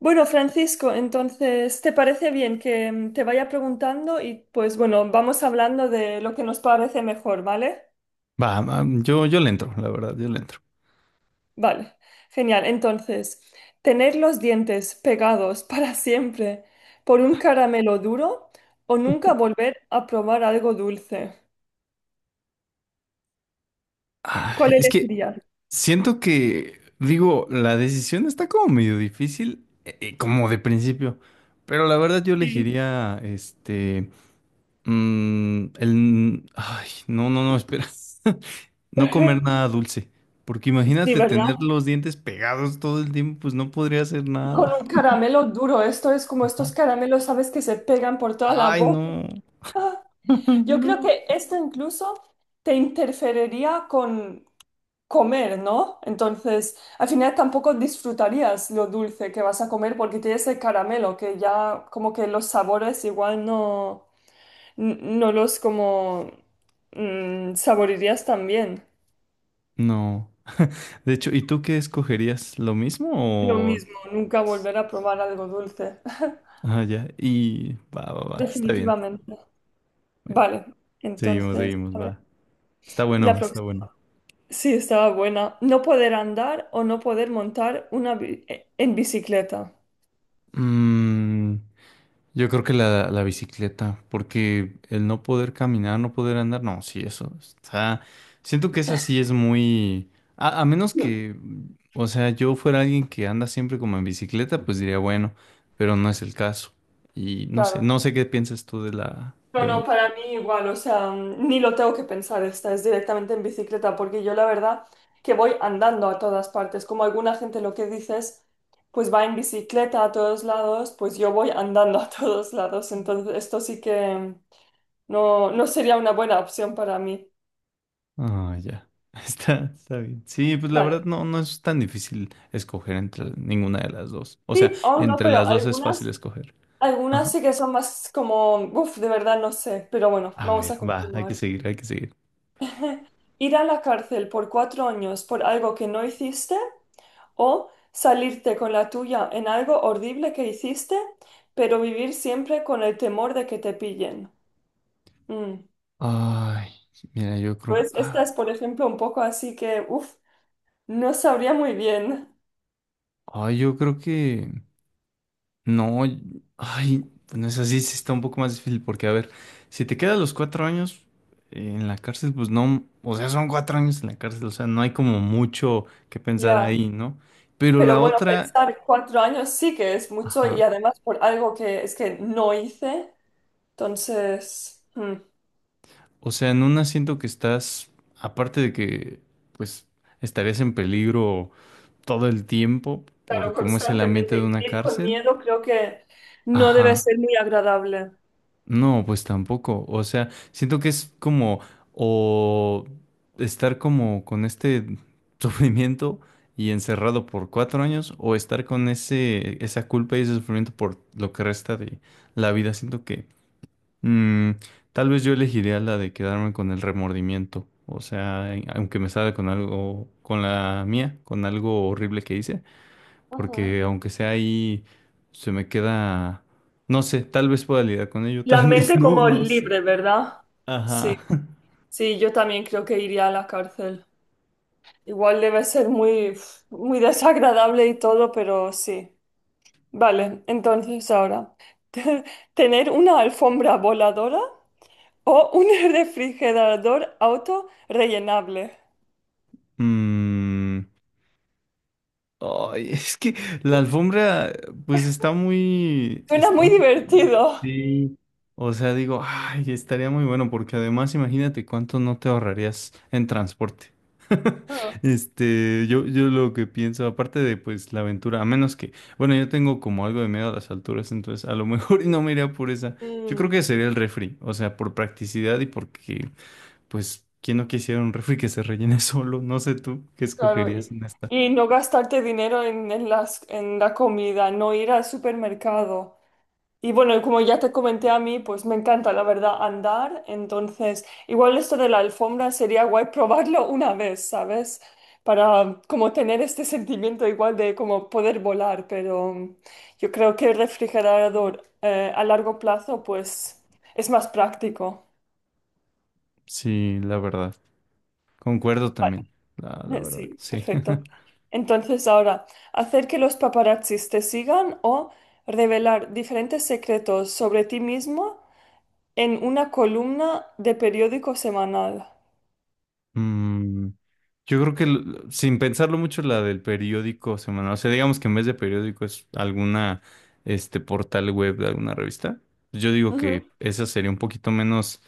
Bueno, Francisco, entonces, ¿te parece bien que te vaya preguntando y pues bueno, vamos hablando de lo que nos parece mejor, ¿vale? Va, yo le entro, la verdad, yo le entro. Vale, genial. Entonces, ¿tener los dientes pegados para siempre por un caramelo duro o nunca volver a probar algo dulce? Ah, ¿Cuál es que elegirías? siento que, digo, la decisión está como medio difícil, como de principio, pero la verdad yo Sí. elegiría, este, ay, no, no, no, espera, no comer nada dulce, porque Sí, imagínate ¿verdad? tener los dientes pegados todo el tiempo, pues no podría hacer Con nada. un caramelo duro, esto es como Ajá. estos caramelos, ¿sabes? Que se pegan por toda la Ay, boca. no, Ah, yo creo no, que esto incluso te interferiría con comer, ¿no? Entonces, al final tampoco disfrutarías lo dulce que vas a comer porque tienes el caramelo, que ya como que los sabores igual no, no los como saborirías tan bien. no. De hecho, ¿y tú qué escogerías? ¿Lo mismo Lo o...? mismo, nunca volver a probar algo dulce, Ah, ya. Y va, va, va. Está bien. definitivamente. Bueno, Vale, seguimos, entonces, seguimos, a ver, va. Está la bueno, está próxima. bueno. Sí, estaba buena. No poder andar o no poder montar una en bicicleta. Mm, yo creo que la bicicleta, porque el no poder caminar, no poder andar, no, sí, eso está. Siento que esa sí es muy. A menos Sí. que, o sea, yo fuera alguien que anda siempre como en bicicleta, pues diría, bueno, pero no es el caso. Y no sé, Claro. no sé qué piensas tú de la No, no, pregunta. para mí igual, o sea, ni lo tengo que pensar, esta es directamente en bicicleta, porque yo la verdad que voy andando a todas partes, como alguna gente lo que dices, pues va en bicicleta a todos lados, pues yo voy andando a todos lados, entonces esto sí que. No, no sería una buena opción para mí. Ah, ya. Está bien. Sí, pues la verdad Vale. no es tan difícil escoger entre ninguna de las dos. O sea, Sí, oh no, entre pero las dos es fácil algunas, escoger. Ajá. algunas sí que son más como, uff, de verdad no sé, pero bueno, A vamos a ver, va, hay que continuar. seguir, hay que seguir. Ir a la cárcel por cuatro años por algo que no hiciste. O salirte con la tuya en algo horrible que hiciste, pero vivir siempre con el temor de que te pillen. Mm. Ay, mira, yo creo. Pues esta es, Ah, por ejemplo, un poco así que, uff, no sabría muy bien. ay, yo creo que. No, ay, bueno, es así, sí está un poco más difícil porque, a ver, si te quedas los 4 años en la cárcel, pues no. O sea, son 4 años en la cárcel, o sea, no hay como mucho que pensar Ya. ahí, ¿no? Pero Pero la bueno, otra. pensar cuatro años sí que es mucho y Ajá. además por algo que es que no hice. Entonces, O sea, en una siento que estás, aparte de que, pues, estarías en peligro todo el tiempo por claro, cómo es el ambiente constantemente de y una vivir con cárcel. miedo creo que no debe Ajá. ser muy agradable. No, pues tampoco. O sea, siento que es como, o estar como con este sufrimiento y encerrado por 4 años, o estar con esa culpa y ese sufrimiento por lo que resta de la vida. Siento que Mm, tal vez yo elegiría la de quedarme con el remordimiento. O sea, aunque me salga con algo, con la mía, con algo horrible que hice, Ujú. porque aunque sea ahí, se me queda, no sé, tal vez pueda lidiar con ello, La tal vez mente no, como no sé. libre, ¿verdad? Sí, Ajá. sí, yo también creo que iría a la cárcel. Igual debe ser muy, uf, muy desagradable y todo, pero sí. Vale, entonces ahora, ¿tener una alfombra voladora o un refrigerador auto rellenable? Mm. Ay, es que la alfombra, pues Suena está muy muy buena, divertido. sí. O sea, digo, ay, estaría muy bueno, porque además imagínate cuánto no te ahorrarías en transporte. Ah, Este, yo lo que pienso, aparte de pues la aventura, a menos que, bueno, yo tengo como algo de miedo a las alturas, entonces a lo mejor y no me iría por esa. Yo creo mm, que sería el refri, o sea, por practicidad y porque, pues, ¿quién no quisiera un refri que se rellene solo? No sé tú, ¿qué claro, escogerías en esta? y no gastarte dinero en las, en la comida, no ir al supermercado. Y bueno, como ya te comenté a mí, pues me encanta, la verdad, andar. Entonces, igual esto de la alfombra sería guay probarlo una vez, ¿sabes? Para como tener este sentimiento igual de como poder volar, pero yo creo que el refrigerador a largo plazo, pues es más práctico. Sí, la verdad. Concuerdo también. La Vale, verdad, sí, sí. perfecto. Entonces, ahora, hacer que los paparazzis te sigan o revelar diferentes secretos sobre ti mismo en una columna de periódico semanal. Mm, yo creo que sin pensarlo mucho la del periódico semanal, o sea, digamos que en vez de periódico es alguna este portal web de alguna revista. Yo digo que Ujú. esa sería un poquito menos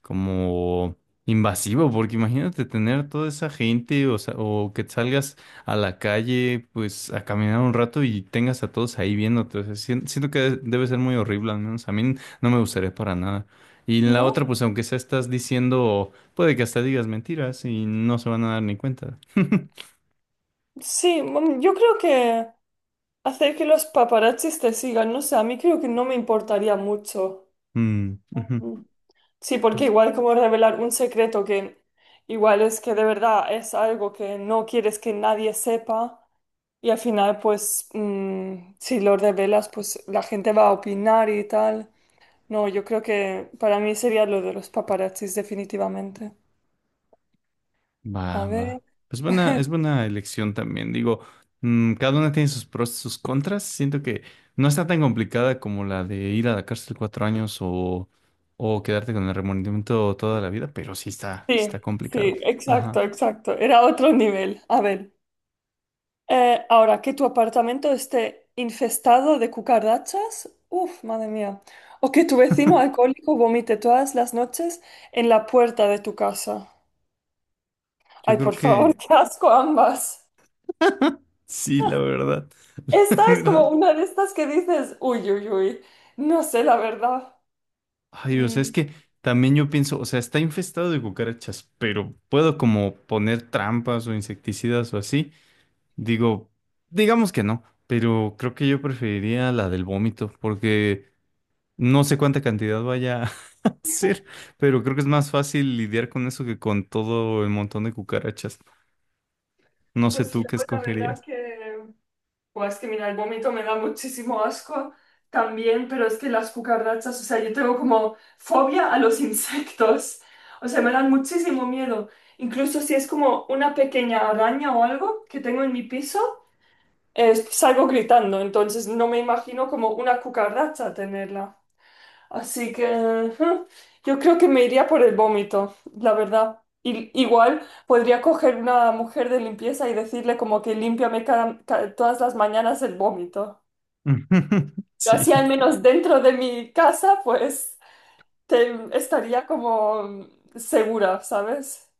como invasivo, porque imagínate tener toda esa gente, o sea, o que salgas a la calle pues a caminar un rato y tengas a todos ahí viéndote. O sea, siento que debe ser muy horrible, al menos a mí no me gustaría para nada. Y en la ¿No? otra, pues aunque sea estás diciendo. Puede que hasta digas mentiras y no se van a dar ni cuenta. Sí, yo creo que hacer que los paparazzis te sigan, no sé, a mí creo que no me importaría mucho. Mm, ujú. Mm. Sí, porque Entonces, igual como revelar un secreto que igual es que de verdad es algo que no quieres que nadie sepa y al final pues si lo revelas pues la gente va a opinar y tal. No, yo creo que para mí sería lo de los paparazzis definitivamente. A va, ver. va. Pues buena, es buena elección también. Digo, cada una tiene sus pros y sus contras. Siento que no está tan complicada como la de ir a la cárcel 4 años o quedarte con el remordimiento toda la vida, pero sí está Sí, sí, complicado. exacto, Ajá. exacto. Era otro nivel. A ver, ahora que tu apartamento esté infestado de cucarachas, uff, madre mía. O que tu vecino alcohólico vomite todas las noches en la puerta de tu casa. Yo Ay, creo por favor, que qué asco ambas. sí, la verdad. Esta La es verdad. como una de estas que dices, uy, uy, uy. No sé, la verdad. Ay, o sea, Mm, es que también yo pienso, o sea, está infestado de cucarachas, pero puedo como poner trampas o insecticidas o así. Digo, digamos que no, pero creo que yo preferiría la del vómito, porque no sé cuánta cantidad vaya a ser, pero creo que es más fácil lidiar con eso que con todo el montón de cucarachas. No sé pues yo, tú qué la verdad escogerías. que... Pues es que mira, el vómito me da muchísimo asco también, pero es que las cucarachas, o sea, yo tengo como fobia a los insectos, o sea, me dan muchísimo miedo. Incluso si es como una pequeña araña o algo que tengo en mi piso, salgo gritando, entonces no me imagino como una cucaracha tenerla. Así que ujú, yo creo que me iría por el vómito, la verdad. Y, igual podría coger una mujer de limpieza y decirle como que límpiame todas las mañanas el vómito. Pero Sí, así al menos dentro de mi casa, pues estaría como segura, ¿sabes?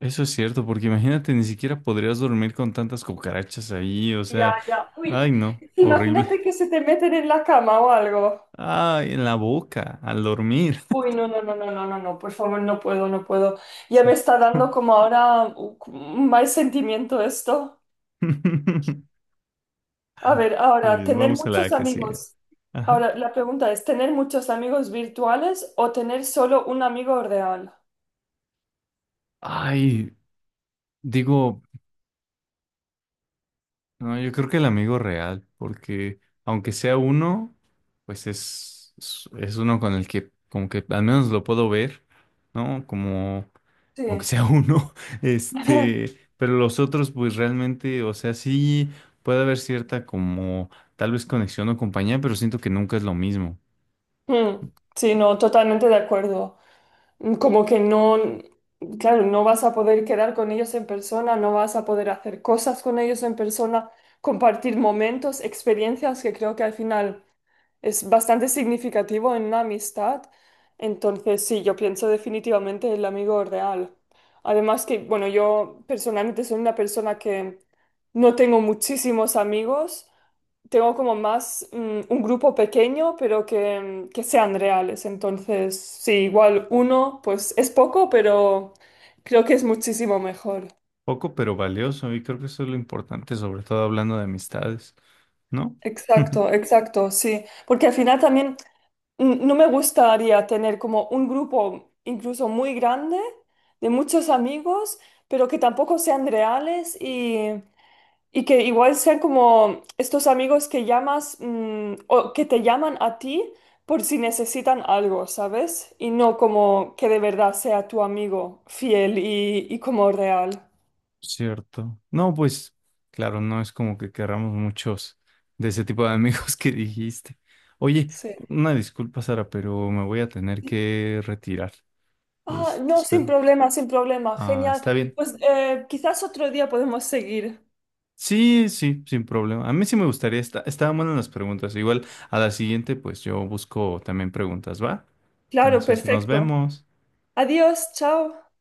eso es cierto, porque imagínate, ni siquiera podrías dormir con tantas cucarachas ahí, o Ya, sea, ya. Uy, ay, no, horrible. imagínate que se te meten en la cama o algo. Ay, en la boca, al dormir. Uy, no, no, no, no, no, no, no, por favor, no puedo, no puedo. Ya Sí. me está dando como ahora un mal sentimiento esto. Está A ver, ahora, bien, tener vamos a la muchos que sigue. amigos. Ajá. Ahora, la pregunta es, ¿tener muchos amigos virtuales o tener solo un amigo real? Ay, digo, no, yo creo que el amigo real, porque aunque sea uno, pues es uno con el que como que al menos lo puedo ver, ¿no? Como, aunque Sí. sea uno, este, pero los otros pues realmente, o sea, sí puede haber cierta como tal vez conexión o compañía, pero siento que nunca es lo mismo. Mm, sí, no, totalmente de acuerdo. Mm, como que no, claro, no vas a poder quedar con ellos en persona, no vas a poder hacer cosas con ellos en persona, compartir momentos, experiencias que creo que al final... Es bastante significativo en una amistad. Entonces, sí, yo pienso definitivamente el amigo real. Además que, bueno, yo personalmente soy una persona que no tengo muchísimos amigos. Tengo como más un grupo pequeño, pero que, que sean reales. Entonces, sí, igual uno, pues es poco, pero creo que es muchísimo mejor. Poco pero valioso, y creo que eso es lo importante, sobre todo hablando de amistades, ¿no? Exacto, exacto, sí. Porque al final también no me gustaría tener como un grupo incluso muy grande de muchos amigos, pero que tampoco sean reales y que igual sean como estos amigos que llamas o que te llaman a ti por si necesitan algo, ¿sabes? Y no como que de verdad sea tu amigo fiel y como real. Cierto. No, pues, claro, no es como que querramos muchos de ese tipo de amigos que dijiste. Oye, Sí. una disculpa, Sara, pero me voy a tener que retirar. Ah, Este, no, sin espero. problema, sin problema. Ah, Genial. está bien. Pues quizás otro día podemos seguir. Sí, sí, sin problema. A mí sí me gustaría, estaban buenas las preguntas. Igual a la siguiente, pues yo busco también preguntas, ¿va? Claro, Entonces, nos perfecto. vemos. Adiós, chao.